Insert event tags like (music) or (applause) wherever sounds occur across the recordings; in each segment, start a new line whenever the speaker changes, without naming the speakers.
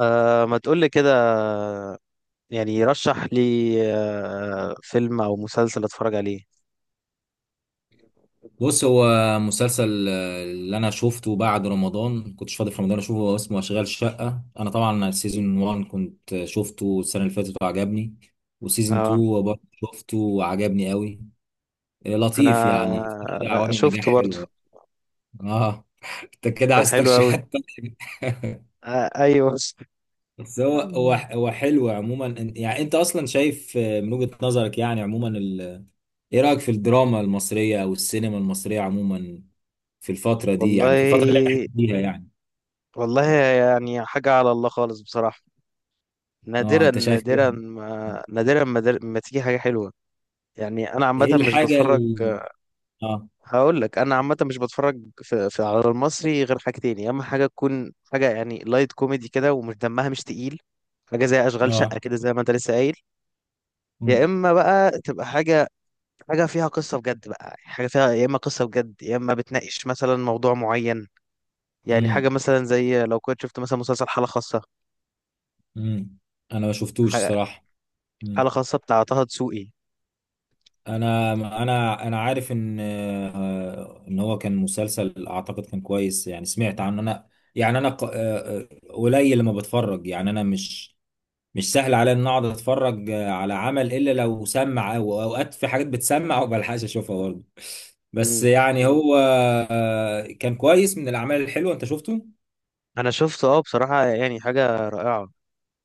أه، ما تقول لي كده، يعني رشح لي فيلم او مسلسل اتفرج عليه.
بص هو مسلسل اللي انا شفته بعد رمضان كنتش فاضي في رمضان اشوفه، هو اسمه اشغال شقة. انا طبعا سيزون 1 كنت شفته السنة اللي فاتت وعجبني، وسيزون
اه،
2 برضه شفته وعجبني قوي. لطيف
انا
يعني، في كده عوامل نجاح
شفته برضو.
حلوة يعني. اه (laughs) انت كده
كان
عايز
حلو قوي.
ترشيحات تانية. (laughs)
أه، ايوه.
بس هو حلو عموما، يعني انت اصلا شايف، من وجهة نظرك يعني عموما ايه رأيك في الدراما المصرية او السينما المصرية عموما في الفترة دي، يعني في الفترة اللي احنا
والله
فيها يعني.
والله يعني حاجة على الله خالص بصراحة.
اه
نادرا
انت شايف ايه؟
نادرا ما نادرا ما, در- ما تيجي حاجة حلوة. يعني انا عامة
إيه
مش
الحاجة
بتفرج.
اه.
هقول لك، انا عامه مش بتفرج في على المصري غير حاجتين، يا اما حاجه تكون حاجه يعني لايت كوميدي كده ومش دمها مش تقيل، حاجه زي اشغال شقه
اه.
كده زي ما انت لسه قايل، يا
مم.
اما بقى تبقى حاجه، حاجه فيها قصه بجد بقى، حاجه فيها يا اما قصه بجد يا اما بتناقش مثلا موضوع معين. يعني حاجه
مم.
مثلا زي لو كنت شفت مثلا مسلسل حاله خاصه،
مم. انا ما شفتوش
حاجه
الصراحة.
حاله
مم.
خاصه بتاع طه دسوقي.
انا عارف ان، ان هو كان مسلسل اعتقد كان كويس يعني، سمعت عنه انا. يعني انا قليل لما بتفرج، يعني انا مش سهل عليا ان اقعد اتفرج على عمل الا لو سمع، او اوقات في حاجات بتسمع وما بلحقش اشوفها برضه. بس
مم.
يعني هو كان كويس من الاعمال الحلوه، انت شفته.
انا شفته، اه بصراحه يعني حاجه رائعه.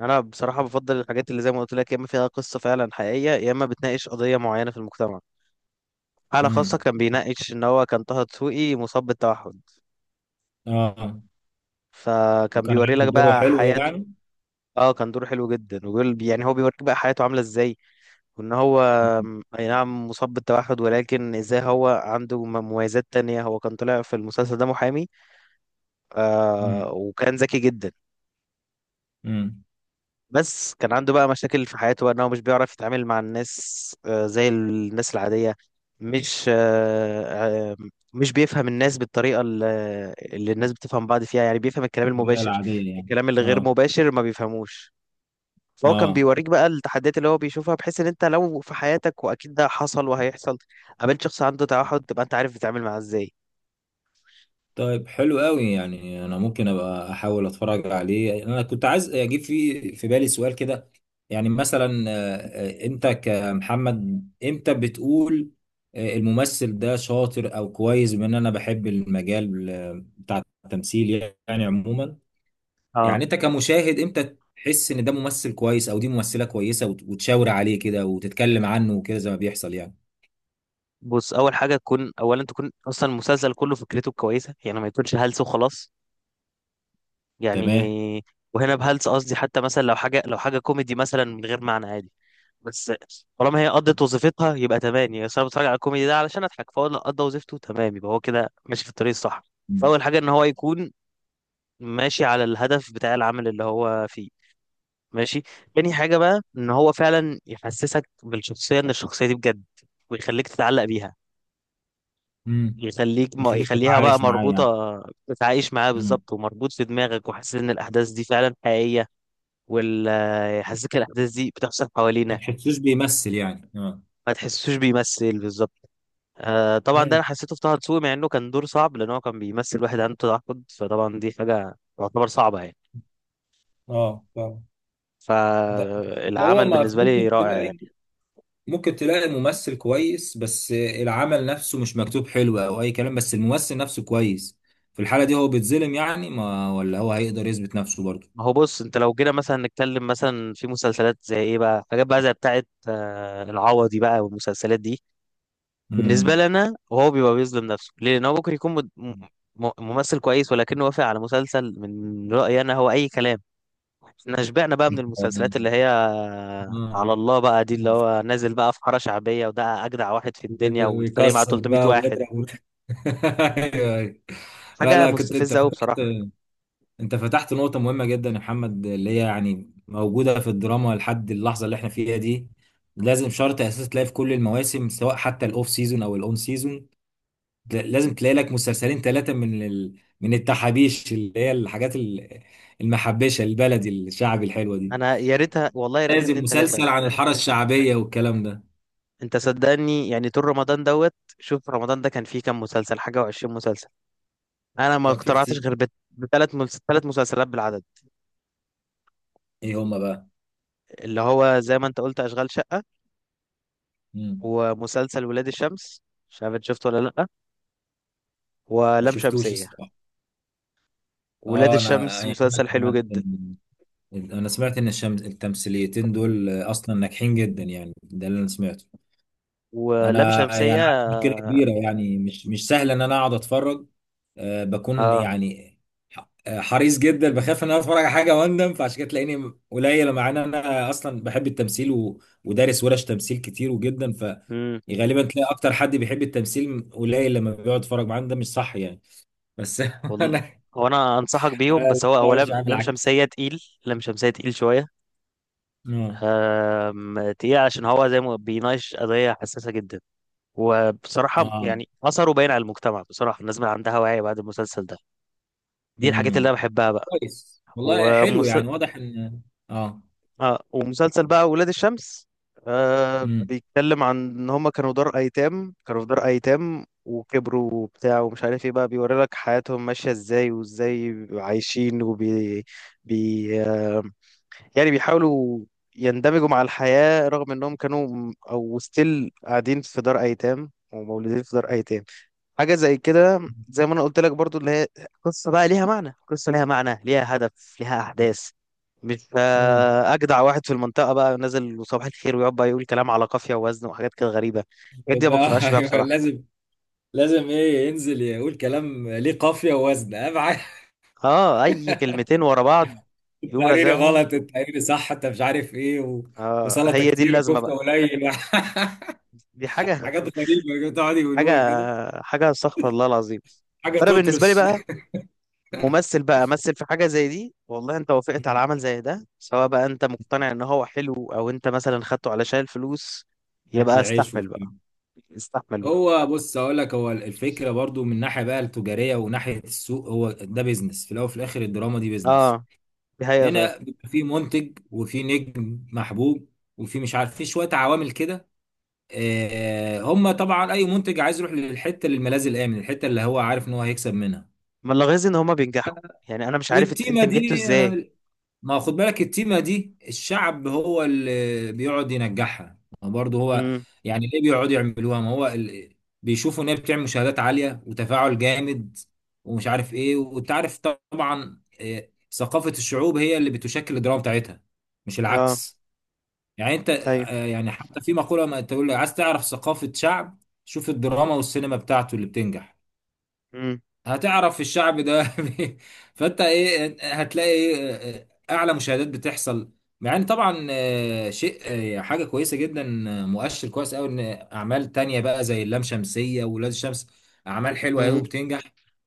انا بصراحه بفضل الحاجات اللي زي ما قلت لك يا اما فيها قصه فعلا حقيقيه يا اما بتناقش قضيه معينه في المجتمع. حاله خاصه
امم.
كان بيناقش ان هو كان طه دسوقي مصاب بالتوحد،
اه،
فكان
وكان
بيوري
عامل
لك
دوره
بقى
حلو
حياته.
يعني.
اه، كان دور حلو جدا، وبيقول يعني هو بيوريك بقى حياته عامله ازاي، وان هو اي نعم مصاب بالتوحد، ولكن ازاي هو عنده مميزات تانية. هو كان طلع في المسلسل ده محامي،
امم.
آه، وكان ذكي جدا.
امم.
بس كان عنده بقى مشاكل في حياته بقى، ان هو مش بيعرف يتعامل مع الناس زي الناس العادية. مش آه، آه، مش بيفهم الناس بالطريقة اللي الناس بتفهم بعض فيها، يعني بيفهم الكلام المباشر،
العاديه يعني.
الكلام اللي غير
اه.
مباشر ما بيفهموش. فهو كان
اه.
بيوريك بقى التحديات اللي هو بيشوفها، بحيث ان انت لو في حياتك، واكيد ده حصل وهيحصل، قابلت شخص عنده توحد، تبقى انت عارف تتعامل معاه ازاي.
طيب حلو قوي، يعني انا ممكن ابقى احاول اتفرج عليه. انا كنت عايز اجيب في بالي سؤال كده، يعني مثلا، انت كمحمد امتى بتقول الممثل ده شاطر او كويس، بما ان انا بحب المجال بتاع التمثيل يعني عموما، يعني
اه،
انت كمشاهد امتى تحس ان ده ممثل كويس او دي ممثلة كويسة، وتشاور عليه كده وتتكلم عنه وكده، زي ما بيحصل يعني.
بص، اول حاجه تكون اصلا المسلسل كله فكرته كويسه، يعني ما يكونش هلس وخلاص.
تمام.
يعني، وهنا بهلس قصدي حتى مثلا لو حاجه لو حاجه كوميدي مثلا من غير معنى عادي، بس طالما هي قضت وظيفتها يبقى تمام، يعني أصل انا بتفرج على الكوميدي ده علشان اضحك، فهو لو قضى وظيفته تمام يبقى هو كده ماشي في الطريق الصح. فاول حاجه ان هو يكون ماشي على الهدف بتاع العمل اللي هو فيه، ماشي. تاني حاجه بقى ان هو فعلا يحسسك بالشخصيه، ان الشخصيه دي بجد، ويخليك تتعلق بيها،
امم.
يخليك، ما
يخليك
يخليها بقى
تتعايش معاه
مربوطه.
يعني.
تتعايش معاها بالظبط، ومربوط في دماغك وحاسس ان الاحداث دي فعلا حقيقيه، ويحسسك الاحداث دي بتحصل
ما
حوالينا.
تحسوش بيمثل يعني، اه.
ما تحسوش بيمثل بالظبط. آه طبعا، ده
امم.
انا حسيته في طه دسوقي، مع انه كان دور صعب، لان هو كان بيمثل واحد عنده تعقد، فطبعا دي حاجه تعتبر صعبه يعني.
اه فاهم. ده هو،
فالعمل
ما
بالنسبه
ممكن
لي رائع
تلاقي
يعني.
ممكن تلاقي ممثل كويس بس العمل نفسه مش مكتوب حلو او اي كلام، بس الممثل نفسه كويس. في الحالة دي هو بيتظلم يعني، ما ولا هو هيقدر يثبت نفسه برضه.
ما هو بص، انت لو جينا مثلا نتكلم مثلا في مسلسلات زي ايه بقى، حاجات بقى زي بتاعه آه العوضي بقى والمسلسلات دي، بالنسبه
امم.
لنا هو بيبقى بيظلم نفسه ليه، لان هو ممكن يكون ممثل كويس، ولكنه وافق على مسلسل من رايي انا هو اي كلام. احنا شبعنا بقى من المسلسلات
(laughs)
اللي هي على
آه.
الله بقى، دي اللي هو نازل بقى في حارة شعبية، وده أجدع واحد في الدنيا ويتفرق معاه
ويكسر
300
بقى
واحد.
ويضرب. (laughs) أيوه، أيوه.
حاجة
لا كنت انت
مستفزة أوي بصراحة.
فاكر، انت فتحت نقطة مهمة جدا يا محمد، اللي هي يعني موجودة في الدراما لحد اللحظة اللي احنا فيها دي. لازم شرط اساسي تلاقي في كل المواسم، سواء حتى الاوف سيزون او الاون سيزون، لازم تلاقي لك مسلسلين ثلاثة من من التحابيش، اللي هي الحاجات المحبشة البلدي الشعبي الحلوة دي،
أنا يا ريتها، والله يا ريتها
لازم
اتنين تلاتة.
مسلسل عن الحارة الشعبية والكلام ده.
أنت صدقني، يعني طول رمضان دوت شوف، رمضان ده كان فيه كام مسلسل، حاجة وعشرين مسلسل. أنا ما
كان في
اقتنعتش
كتير.
غير تلات مسلسلات بالعدد،
ايه هما بقى؟
اللي هو زي ما أنت قلت أشغال شقة،
مم.
ومسلسل ولاد الشمس، مش عارف إنت شفته ولا لأ،
ما
ولام
شفتوش
شمسية.
الصراحة.
ولاد
اه انا
الشمس
يعني، أنا
مسلسل حلو
سمعت،
جدا.
انا سمعت ان التمثيليتين دول اصلا ناجحين جدا يعني، ده اللي انا سمعته.
ولام
انا يعني عندي
شمسية،
مشكله كبيره، يعني مش سهل ان انا اقعد اتفرج. بكون
اه
يعني حريص جدا، بخاف ان انا اتفرج على حاجه واندم، فعشان كده تلاقيني قليل، مع ان انا اصلا بحب التمثيل ودارس ورش تمثيل كتير وجدا،
امم.
فغالبا تلاقي اكتر حد بيحب التمثيل قليل لما بيقعد يتفرج معاه، ده مش صح يعني. بس (laughs)
والله
انا،
هو، انا انصحك بيهم،
أنا
بس هو
الموضوع مش عامل العكس.
لم شمسيه تقيل شويه.
اه.
آم، تقيل عشان هو زي ما بيناقش قضيه حساسه جدا، وبصراحه
اه.
يعني اثره باين على المجتمع. بصراحه الناس بقى عندها وعي بعد المسلسل ده. دي الحاجات اللي
امم.
انا بحبها بقى.
كويس والله، حلو يعني، واضح ان، اه.
اه، ومسلسل بقى ولاد الشمس آه
امم.
بيتكلم عن ان هما كانوا دار ايتام، كانوا في دار ايتام وكبروا وبتاع ومش عارف ايه، بقى بيوري لك حياتهم ماشية ازاي، وازاي بيبقوا عايشين وبي بي آه يعني بيحاولوا يندمجوا مع الحياة، رغم انهم كانوا او ستيل قاعدين في دار ايتام ومولودين في دار ايتام. حاجة زي كده زي ما انا قلت لك برضو، اللي هي قصة بقى ليها معنى، قصة ليها معنى، ليها هدف، ليها احداث. مش
امم.
اجدع واحد في المنطقة بقى نازل وصباح الخير ويقعد بقى يقول كلام على قافية ووزن وحاجات كده غريبة. الحاجات دي ما
يبقى (laughs)
بقتنعش بيها
أيوة،
بصراحة.
لازم، لازم ايه ينزل يقول كلام ليه قافيه ووزن، اهم حاجه.
اه، اي كلمتين ورا بعض
(laughs)
يقوم
التقريري
رازعهم،
غلط التقريري صح، انت مش عارف ايه
آه
وسلطه
هي دي
كتير
اللازمة بقى.
وكفته قليل.
دي
(laughs)
حاجة
حاجات
(laughs)
غريبه بتقعد
حاجة
يقولوها كده.
حاجة استغفر الله العظيم.
حاجه
فانا بالنسبة لي
تطرش.
بقى، ممثل بقى مثل في حاجة زي دي، والله انت وافقت على عمل
(laughs)
زي ده، سواء بقى انت مقتنع ان هو حلو او انت مثلا خدته علشان الفلوس،
اكل
يبقى
عيش
استحمل
وبتاع.
بقى، استحمل بقى.
هو بص اقول لك، هو الفكره برضو من ناحيه بقى التجاريه وناحيه السوق، هو ده بيزنس في الاول وفي الاخر، الدراما دي بيزنس.
اه، دي حقيقة فعلا.
هنا بيبقى في منتج وفي نجم محبوب وفي مش عارف، في شويه عوامل كده. هم طبعا اي منتج عايز يروح للحته، للملاذ الامن، الحته اللي هو عارف ان هو هيكسب منها.
ما لاحظ ان هما بينجحوا، يعني انا مش عارف انت
والتيمه
نجحته
دي،
ازاي.
ما هو خد بالك، التيمه دي الشعب هو اللي بيقعد ينجحها، ما هو برضه هو،
امم،
يعني ليه بيقعدوا يعملوها؟ ما هو بيشوفوا ان هي بتعمل مشاهدات عاليه وتفاعل جامد ومش عارف ايه، وانت عارف طبعا، ثقافه الشعوب هي اللي بتشكل الدراما بتاعتها، مش
اه،
العكس. يعني انت،
ايوه،
يعني حتى في مقولة، ما تقول لي عايز تعرف ثقافة شعب، شوف الدراما والسينما بتاعته اللي بتنجح،
امم،
هتعرف الشعب ده. (laughs) فانت ايه، هتلاقي إيه اعلى مشاهدات بتحصل. مع ان طبعا، شيء، حاجه كويسه جدا، مؤشر كويس قوي، ان اعمال تانية بقى زي اللام شمسيه وولاد الشمس، اعمال حلوه قوي
امم،
وبتنجح،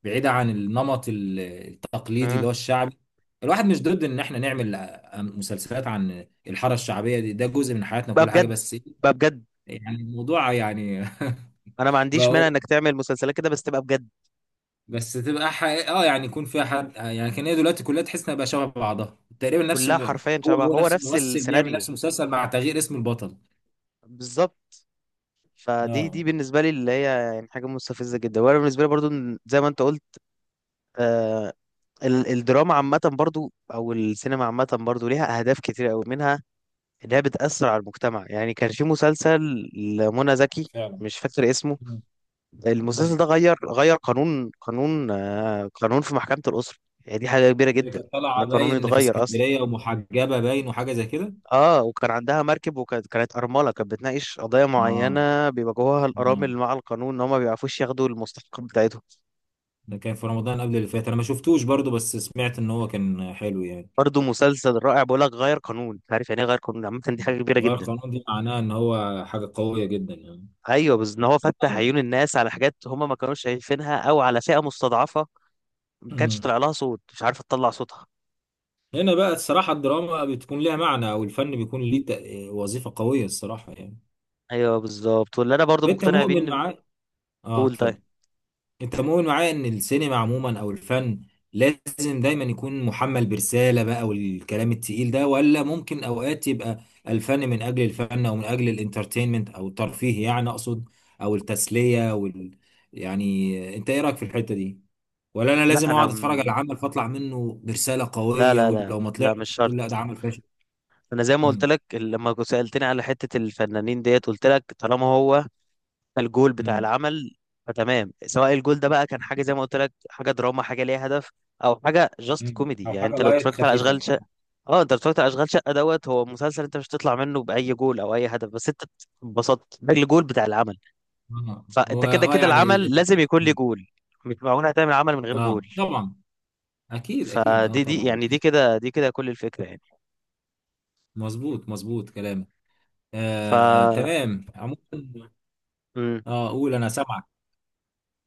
بعيده عن النمط التقليدي اللي
امم.
هو الشعبي. الواحد مش ضد ان احنا نعمل مسلسلات عن الحاره الشعبيه، دي ده جزء من حياتنا،
بقى
كل حاجه
بجد
بس
بقى بجد،
يعني الموضوع يعني.
انا ما
(laughs)
عنديش
بقى،
مانع انك تعمل مسلسلات كده بس تبقى بجد.
بس تبقى حقيقة، اه يعني يكون فيها حد يعني، كان هي دلوقتي كلها تحس انها بقى شبه بعضها تقريبا، نفس
كلها حرفيا
هو
شبه،
هو
هو
نفس
نفس
الممثل بيعمل
السيناريو
نفس المسلسل مع تغيير اسم البطل.
بالظبط. فدي
اه
بالنسبه لي اللي هي يعني حاجه مستفزه جدا. وانا بالنسبه لي برضو، زي ما انت قلت، آه الدراما عامه برضو او السينما عامه برضو ليها اهداف كتير قوي منها، انها بتاثر على المجتمع. يعني كان في مسلسل لمنى زكي،
فعلا.
مش فاكر اسمه،
مم.
المسلسل
مم.
ده غير قانون في محكمه الاسره. يعني دي حاجه كبيره
اللي
جدا،
كانت
ان
طالعه
القانون
باين في
يتغير اصلا.
اسكندريه ومحجبه باين وحاجه زي كده.
اه، وكان عندها مركب، وكانت ارمله. كانت بتناقش قضايا
اه.
معينه بيواجهوها
اه.
الارامل مع القانون، ان هم ما بيعرفوش ياخدوا المستحق بتاعتهم.
ده كان في رمضان قبل اللي فات، انا ما شفتوش برضو، بس سمعت ان هو كان حلو يعني.
برضه مسلسل رائع. بقول لك غير قانون، انت عارف يعني ايه غير قانون عامه، دي حاجه كبيره
غير
جدا.
القانون دي معناها ان هو حاجه قويه جدا يعني.
ايوه، بس ان هو فتح عيون الناس على حاجات هم ما كانوش شايفينها، او على فئه مستضعفه ما كانش
آه.
طلع لها صوت، مش عارفه تطلع صوتها.
هنا بقى الصراحة الدراما بتكون لها معنى، أو الفن بيكون ليه وظيفة قوية، الصراحة يعني.
ايوه بالظبط. واللي انا برضه
أنت
مقتنع بيه
مؤمن
ان،
معايا. آه
بقول طيب،
اتفضل. أنت مؤمن معايا إن السينما عموما أو الفن لازم دايما يكون محمل برسالة بقى والكلام التقيل ده، ولا ممكن أوقات يبقى الفن من أجل الفن، أو من أجل الانترتينمنت، أو الترفيه يعني، أقصد أو التسلية وال، يعني أنت إيه رأيك في الحتة دي؟ ولا أنا
لا،
لازم
انا
أقعد أتفرج على عمل فأطلع منه برسالة
لا
قوية،
لا لا
ولو ما
لا مش
طلعش أقول لا
شرط.
ده عمل فاشل؟
انا زي ما قلت
مم.
لك لما كنت سالتني على حته الفنانين ديت، قلت لك طالما هو الجول بتاع
امم.
العمل فتمام، سواء الجول ده بقى كان حاجه زي ما قلت لك، حاجه دراما حاجه ليها هدف، او حاجه جاست
مم.
كوميدي،
او
يعني
حاجه
انت لو
لايت
اتفرجت على
خفيفه.
اشغال شقه، اه، انت لو اتفرجت على اشغال شقه دوت، هو مسلسل انت مش هتطلع منه باي جول او اي هدف، بس انت اتبسطت، ده الجول بتاع العمل.
اه
فانت
هو
كده كده
يعني
العمل لازم يكون ليه جول، مش معقول هتعمل عمل من
اه
غير
آه.
جول.
طبعا، اكيد اكيد اه
فدي
طبعا.
يعني دي كده كل الفكره يعني.
مظبوط مظبوط كلامك.
ف
آه تمام عموما. اه قول انا سامعك.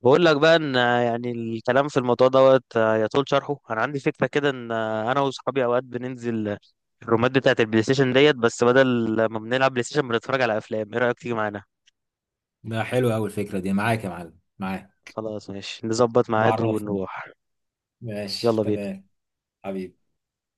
بقول لك بقى ان يعني الكلام في الموضوع دوت يطول شرحه. انا عندي فكره كده ان انا واصحابي اوقات بننزل الرومات بتاعه البلاي ستيشن ديت، بس بدل ما بنلعب بلاي ستيشن بنتفرج على افلام. ايه رايك تيجي معانا؟
ده حلو قوي الفكره دي، معاك يا معلم، معاك.
خلاص ماشي، نظبط ميعاد
بعرفني.
ونروح.
ماشي
يلا بينا.
تمام. حبيبي